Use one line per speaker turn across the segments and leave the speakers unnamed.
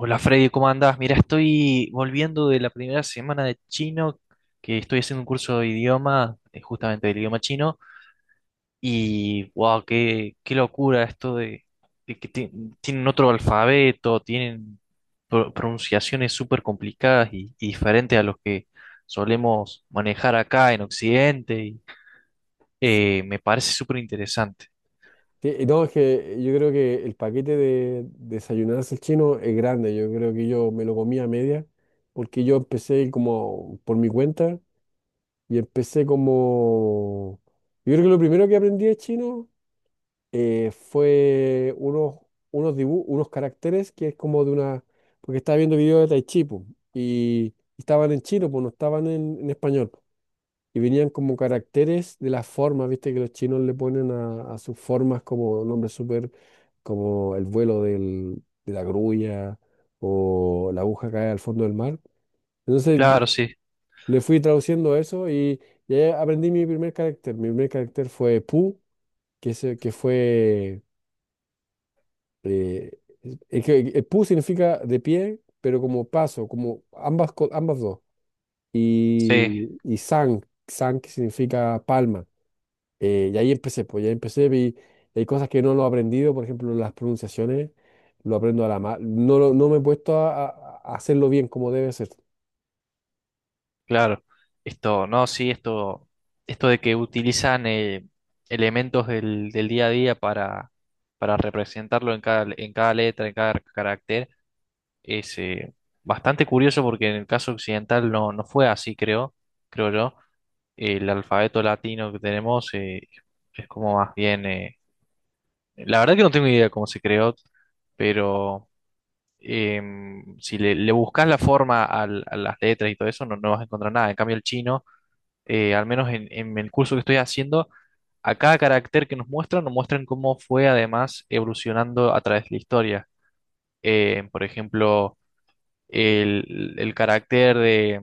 Hola Freddy, ¿cómo andás? Mira, estoy volviendo de la primera semana de chino, que estoy haciendo un curso de idioma, justamente del idioma chino, y wow, qué locura esto de que tienen otro alfabeto, tienen pronunciaciones súper complicadas y diferentes a los que solemos manejar acá en Occidente, y,
S-
me parece súper interesante.
No, es que yo creo que el paquete de desayunarse el chino es grande. Yo creo que yo me lo comí a media, porque yo empecé como por mi cuenta y empecé como... Yo creo que lo primero que aprendí de chino fue unos, unos dibujos, unos caracteres que es como de una... Porque estaba viendo videos de Tai Chi, po, y estaban en chino, pues no estaban en español. Y venían como caracteres de las formas, viste que los chinos le ponen a sus formas como nombres súper, como el vuelo de la grulla o la aguja cae al fondo del mar. Entonces yo
Claro, sí,
le fui traduciendo eso y ahí aprendí mi primer carácter. Mi primer carácter fue Pu, que, que fue... eh, es que el Pu significa de pie, pero como paso, como ambas, ambas dos.
sí,
Y Sang, Sang que significa palma. Y ahí empecé, pues ya empecé, vi, hay cosas que no lo he aprendido, por ejemplo, las pronunciaciones, lo aprendo a la no, no me he puesto a, a hacerlo bien como debe ser.
claro, esto, no, sí, esto de que utilizan elementos del día a día para representarlo en cada letra, en cada carácter, es bastante curioso porque en el caso occidental no fue así, creo, creo yo. El alfabeto latino que tenemos es como más bien, la verdad que no tengo idea cómo se creó, pero si le, buscas la forma a las letras y todo eso, no vas a encontrar nada. En cambio, el chino al menos en el curso que estoy haciendo, a cada carácter que nos muestran cómo fue además evolucionando a través de la historia. Por ejemplo, el carácter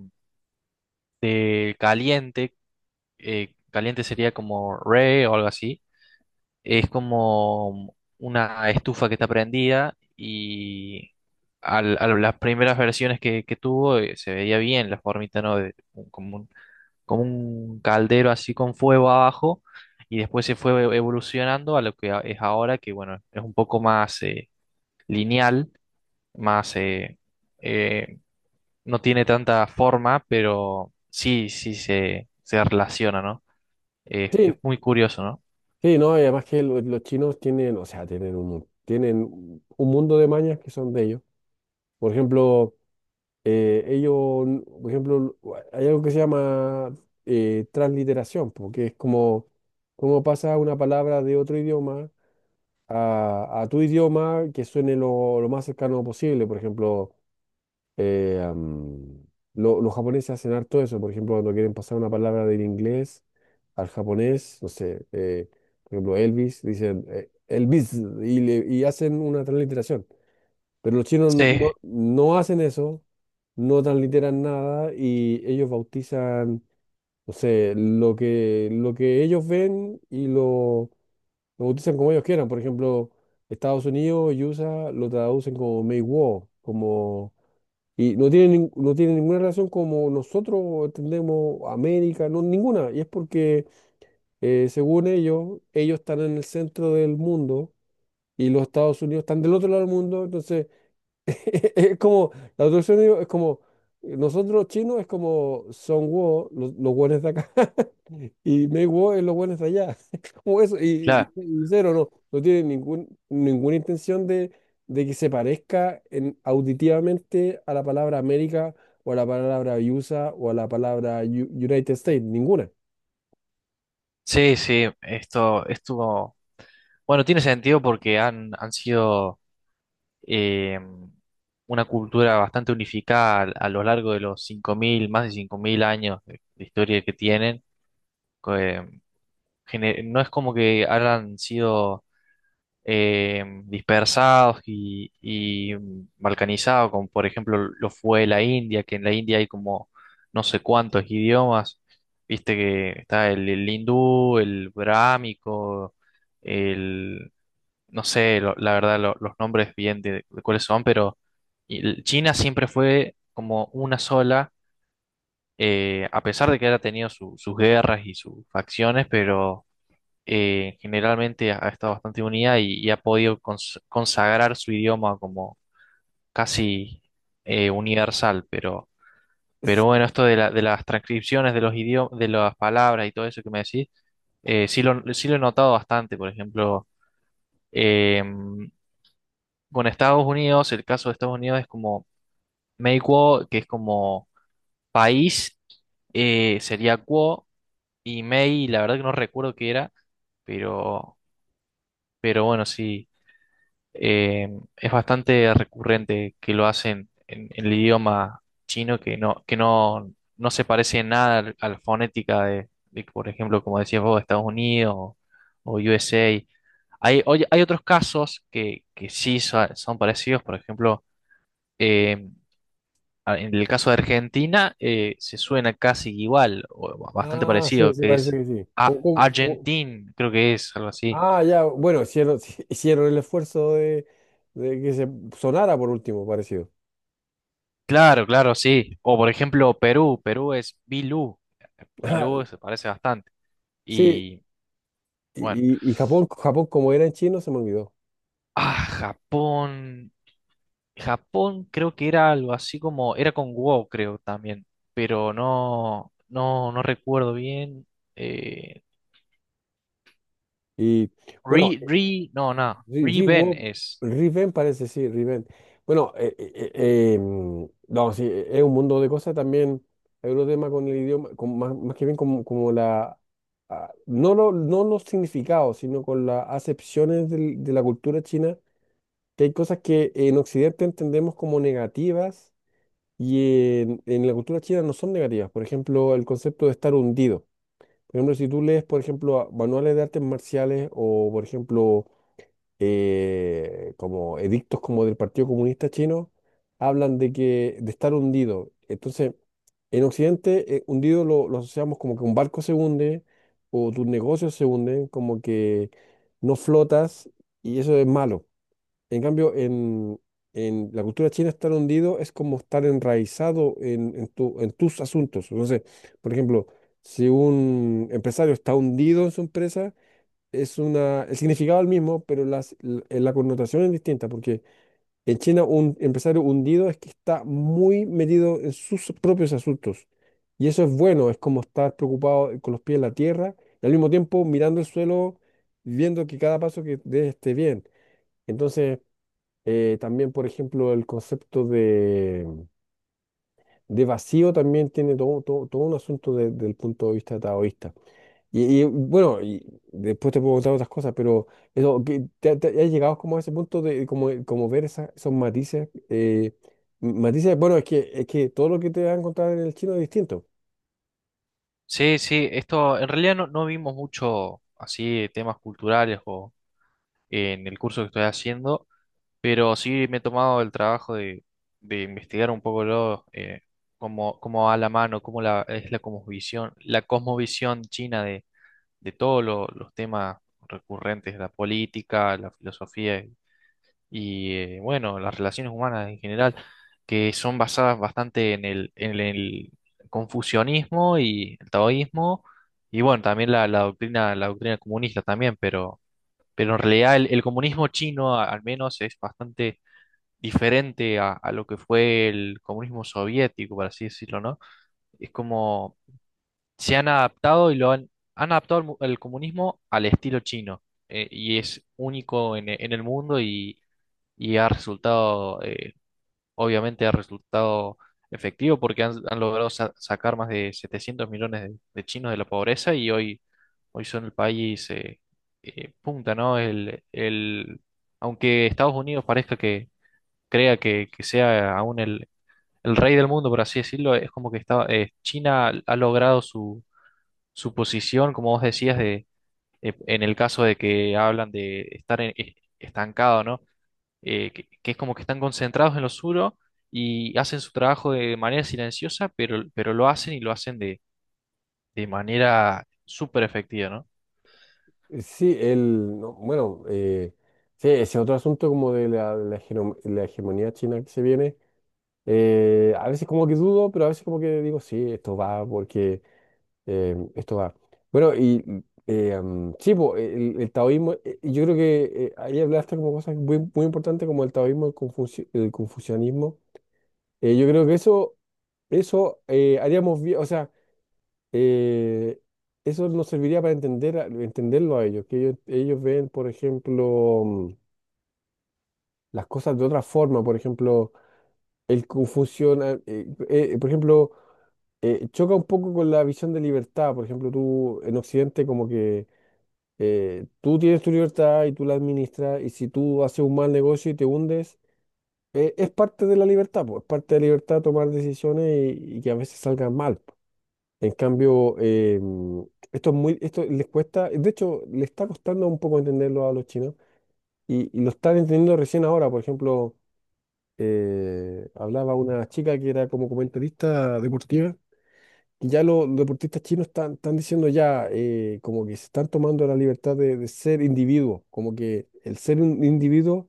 de caliente, caliente sería como re o algo así, es como una estufa que está prendida y a las primeras versiones que tuvo se veía bien la formita, ¿no? Como un- Como un caldero así con fuego abajo y después se fue evolucionando a lo que es ahora, que bueno, es un poco más lineal, más eh, no tiene tanta forma, pero sí, sí se relaciona, ¿no? Es
Sí,
muy curioso, ¿no?
sí, no, y además que los chinos tienen, o sea, tienen un, tienen un mundo de mañas que son de ellos. Por ejemplo, ellos, por ejemplo, hay algo que se llama transliteración, porque es como, como pasa una palabra de otro idioma a tu idioma que suene lo más cercano posible. Por ejemplo, Eh, am, los japoneses hacen harto eso, por ejemplo, cuando quieren pasar una palabra del inglés al japonés, no sé, por ejemplo, Elvis, dicen Elvis y, y hacen una transliteración. Pero los chinos no,
Sí,
no hacen eso, no transliteran nada y ellos bautizan, no sé, lo que ellos ven y lo bautizan como ellos quieran. Por ejemplo, Estados Unidos y USA lo traducen como Meiwo, como y no tiene, no tiene ninguna relación como nosotros entendemos América, no, ninguna. Y es porque, según ellos, ellos están en el centro del mundo y los Estados Unidos están del otro lado del mundo. Entonces, es como, la traducción de ellos es como, nosotros los chinos es como son los hueones de acá. Y Make War es los buenos de allá. Como eso. Y,
claro.
y cero, no. No tiene ningún, ninguna intención de que se parezca en, auditivamente a la palabra América o a la palabra USA o a la palabra United States. Ninguna.
Sí, sí, esto estuvo... Bueno, tiene sentido porque han sido eh, una cultura bastante unificada a lo largo de los 5.000 más de 5.000 años de historia que tienen. co- eh, no es como que hayan sido dispersados y balcanizados, como por ejemplo lo fue la India, que en la India hay como no sé cuántos idiomas. Viste que está el hindú, el brámico, no sé, la verdad, los nombres bien de, cuáles son, pero China siempre fue como una sola, a pesar de que ha tenido sus guerras y sus facciones, pero generalmente ha estado bastante unida y ha podido consagrar su idioma como casi universal, pero... Pero
Es-
bueno, esto de las transcripciones de los idiomas, de las palabras y todo eso que me decís, sí lo he notado bastante. Por ejemplo, em, con Estados Unidos, el caso de Estados Unidos es como Mei Kuo, que es como país, sería Kuo, y Mei, la verdad que no recuerdo qué era, pero, bueno, sí, eh, es bastante recurrente que lo hacen en el idioma chino, que no se parece en nada a la fonética por ejemplo, como decías vos, Estados Unidos o USA. Hay, oye, hay otros casos que sí son parecidos, por ejemplo, em, en el caso de Argentina se suena casi igual, o bastante
Ah, sí,
parecido,
sí,
que
parece
es
que sí.
a
Cómo?
Argentin, creo que es algo así.
Ah, ya. Bueno, hicieron, hicieron el esfuerzo de que se sonara por último, parecido.
Claro, claro, sí. O por ejemplo Perú, Perú es Bilú,
Ah,
Bilú se parece bastante.
sí.
Y bueno,
Y, y Japón, Japón, como era en chino, se me olvidó.
ah, Japón, Japón creo que era algo así como, era con wo, creo también, pero no recuerdo bien. Eh,
Y bueno,
Ri, Ri, no, no,
Ri-
Riben
Riwo-
es.
Riven parece, sí, Riven. Bueno, no, sí, es un mundo de cosas también. Hay otro tema con el idioma, con, más, más que bien como, como la, ah, no, no los significados, sino con las acepciones de la cultura china, que hay cosas que en Occidente entendemos como negativas y en la cultura china no son negativas. Por ejemplo, el concepto de estar hundido. Por ejemplo, si tú lees, por ejemplo, manuales de artes marciales o, por ejemplo, como edictos como del Partido Comunista Chino, hablan de que de estar hundido. Entonces, en Occidente, hundido lo asociamos como que un barco se hunde o tus negocios se hunden, como que no flotas y eso es malo. En cambio, en la cultura china estar hundido es como estar enraizado en tu, en tus asuntos. Entonces, por ejemplo, si un empresario está hundido en su empresa, es una, el significado es el mismo, pero las, la, connotación es distinta, porque en China un empresario hundido es que está muy metido en sus propios asuntos. Y eso es bueno, es como estar preocupado con los pies en la tierra y al mismo tiempo mirando el suelo, viendo que cada paso que dé esté bien. Entonces, también, por ejemplo, el concepto de vacío también tiene todo, todo, todo un asunto del punto de vista taoísta. Y, bueno, y después te puedo contar otras cosas, pero eso, que te, has llegado como a ese punto de como, como ver esos matices. Matices, bueno, es que todo lo que te van a encontrar en el chino es distinto.
Sí, sí, esto en realidad no vimos mucho así temas culturales o en el curso que estoy haciendo, pero sí me he tomado el trabajo de investigar un poco cómo, va la mano, cómo la, es la cosmovisión, china de todos los temas recurrentes, la política, la filosofía y bueno, las relaciones humanas en general, que son basadas bastante en el confucianismo y el taoísmo, y bueno, también la doctrina comunista también, pero, en realidad el comunismo chino al menos es bastante diferente a lo que fue el comunismo soviético, por así decirlo, ¿no? Es como se han adaptado y lo han adaptado el comunismo al estilo chino. Y es único en el mundo y ha resultado, obviamente ha resultado efectivo porque han logrado sacar más de 700 millones de chinos de la pobreza y hoy son el país punta, ¿no? Aunque Estados Unidos parezca que crea que sea aún el rey del mundo, por así decirlo, es como que está, China ha logrado su posición, como vos decías, de, en el caso de que hablan de estar estancado, ¿no? Que es como que están concentrados en lo suyo y hacen su trabajo de manera silenciosa, pero, lo hacen y lo hacen de manera súper efectiva, ¿no?
Sí, el, no, bueno, sí, ese otro asunto como de la, la, la hegemonía china que se viene, a veces como que dudo, pero a veces como que digo, sí, esto va porque... esto va. Bueno, y sí, po, el taoísmo, yo creo que ahí hablaste como cosas muy, muy importantes como el taoísmo, el, el confucianismo. Yo creo que eso haríamos bien, o sea, eh, eso nos serviría para entender, entenderlo a ellos, que ellos ven, por ejemplo, las cosas de otra forma, por ejemplo, el confusión, por ejemplo, choca un poco con la visión de libertad, por ejemplo, tú en Occidente como que tú tienes tu libertad y tú la administras, y si tú haces un mal negocio y te hundes, es parte de la libertad, pues, es parte de la libertad tomar decisiones y que a veces salgan mal. Po. En cambio, esto es muy, esto les cuesta, de hecho, les está costando un poco entenderlo a los chinos y lo están entendiendo recién ahora. Por ejemplo, hablaba una chica que era como comentarista deportiva que ya los deportistas chinos están, están diciendo ya, como que se están tomando la libertad de ser individuos, como que el ser un individuo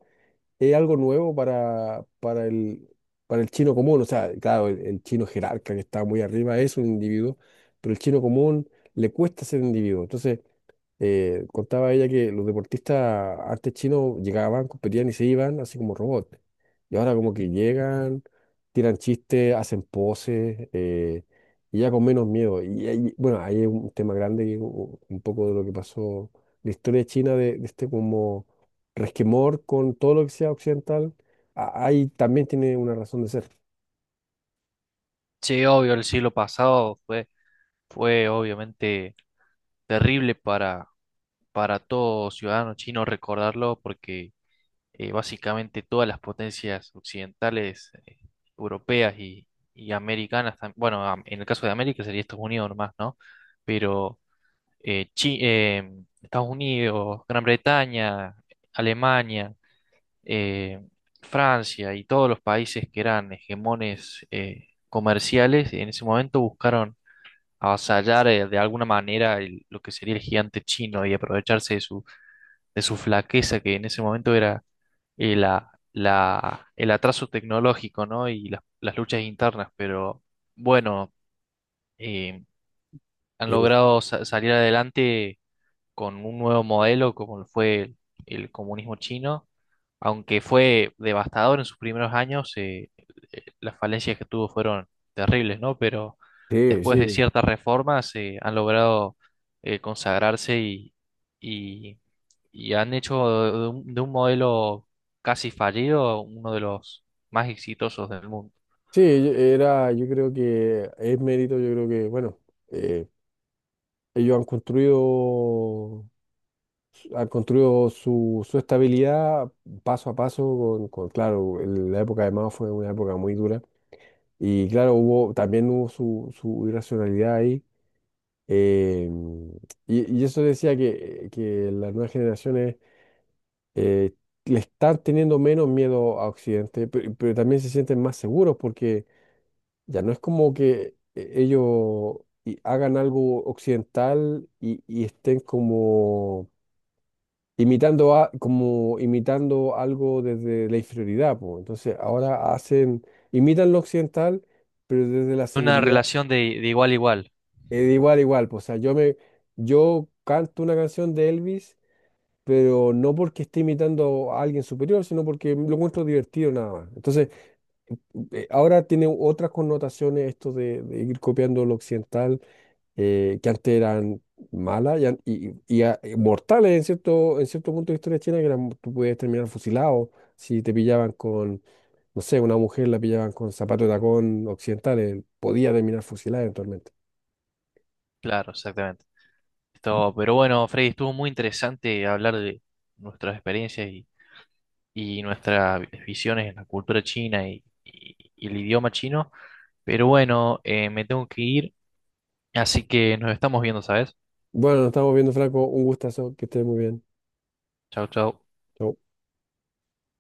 es algo nuevo para el chino común. O sea, claro, el chino jerarca que está muy arriba es un individuo, pero el chino común le cuesta ser individuo. Entonces, contaba ella que los deportistas antes chinos llegaban, competían y se iban así como robots. Y ahora como que llegan, tiran chistes, hacen poses, y ya con menos miedo. Y, bueno, ahí es un tema grande, que un poco de lo que pasó, la historia de China, de este como resquemor con todo lo que sea occidental, ahí también tiene una razón de ser.
Sí, obvio, el siglo pasado fue obviamente terrible para todo ciudadano chino recordarlo porque básicamente todas las potencias occidentales, europeas y americanas, en el caso de América sería Estados Unidos nomás, ¿no? Pero eh, Chi- eh, Estados Unidos, Gran Bretaña, Alemania, eh, Francia y todos los países que eran hegemones comerciales, en ese momento buscaron avasallar de alguna manera lo que sería el gigante chino y aprovecharse de su flaqueza, que en ese momento era el atraso tecnológico, ¿no? Y las luchas internas, pero bueno, eh, han
Eh,
logrado salir adelante con un nuevo modelo como lo fue el comunismo chino, aunque fue devastador en sus primeros años, las falencias que tuvo fueron terribles, ¿no? Pero
Sí,
después de
sí.
ciertas reformas han logrado consagrarse y, y han hecho de un modelo casi fallido uno de los más exitosos del mundo.
Sí, era, yo creo que es mérito, yo creo que, bueno, eh, ellos han construido su, su estabilidad paso a paso con, claro, la época de Mao fue una época muy dura y claro, hubo, también hubo su, su irracionalidad ahí. eh, y eso decía que las nuevas generaciones eh, le están teniendo menos miedo a Occidente, pero también se sienten más seguros porque ya no es como que ellos hagan algo occidental y estén como imitando a, como imitando algo desde la inferioridad, po. Entonces ahora hacen, imitan lo occidental, pero desde la
Una
seguridad,
relación de igual a igual,
de igual a igual, po. O sea, yo me, yo canto una canción de Elvis, pero no porque esté imitando a alguien superior, sino porque lo encuentro divertido nada más. Entonces, ahora tiene otras connotaciones esto de ir copiando lo occidental que antes eran malas y, mortales en cierto punto de la historia china, que eran, tú podías terminar fusilado si te pillaban con, no sé, una mujer la pillaban con zapatos de tacón occidentales, podía terminar fusilada eventualmente.
claro, exactamente. Esto, pero bueno, Freddy, estuvo muy interesante hablar de nuestras experiencias y nuestras visiones en la cultura china y el idioma chino. Pero bueno, me tengo que ir, así que nos estamos viendo, ¿sabes?
Bueno, nos estamos viendo, Franco, un gustazo, que estés muy bien.
Chao, chao.
Chau.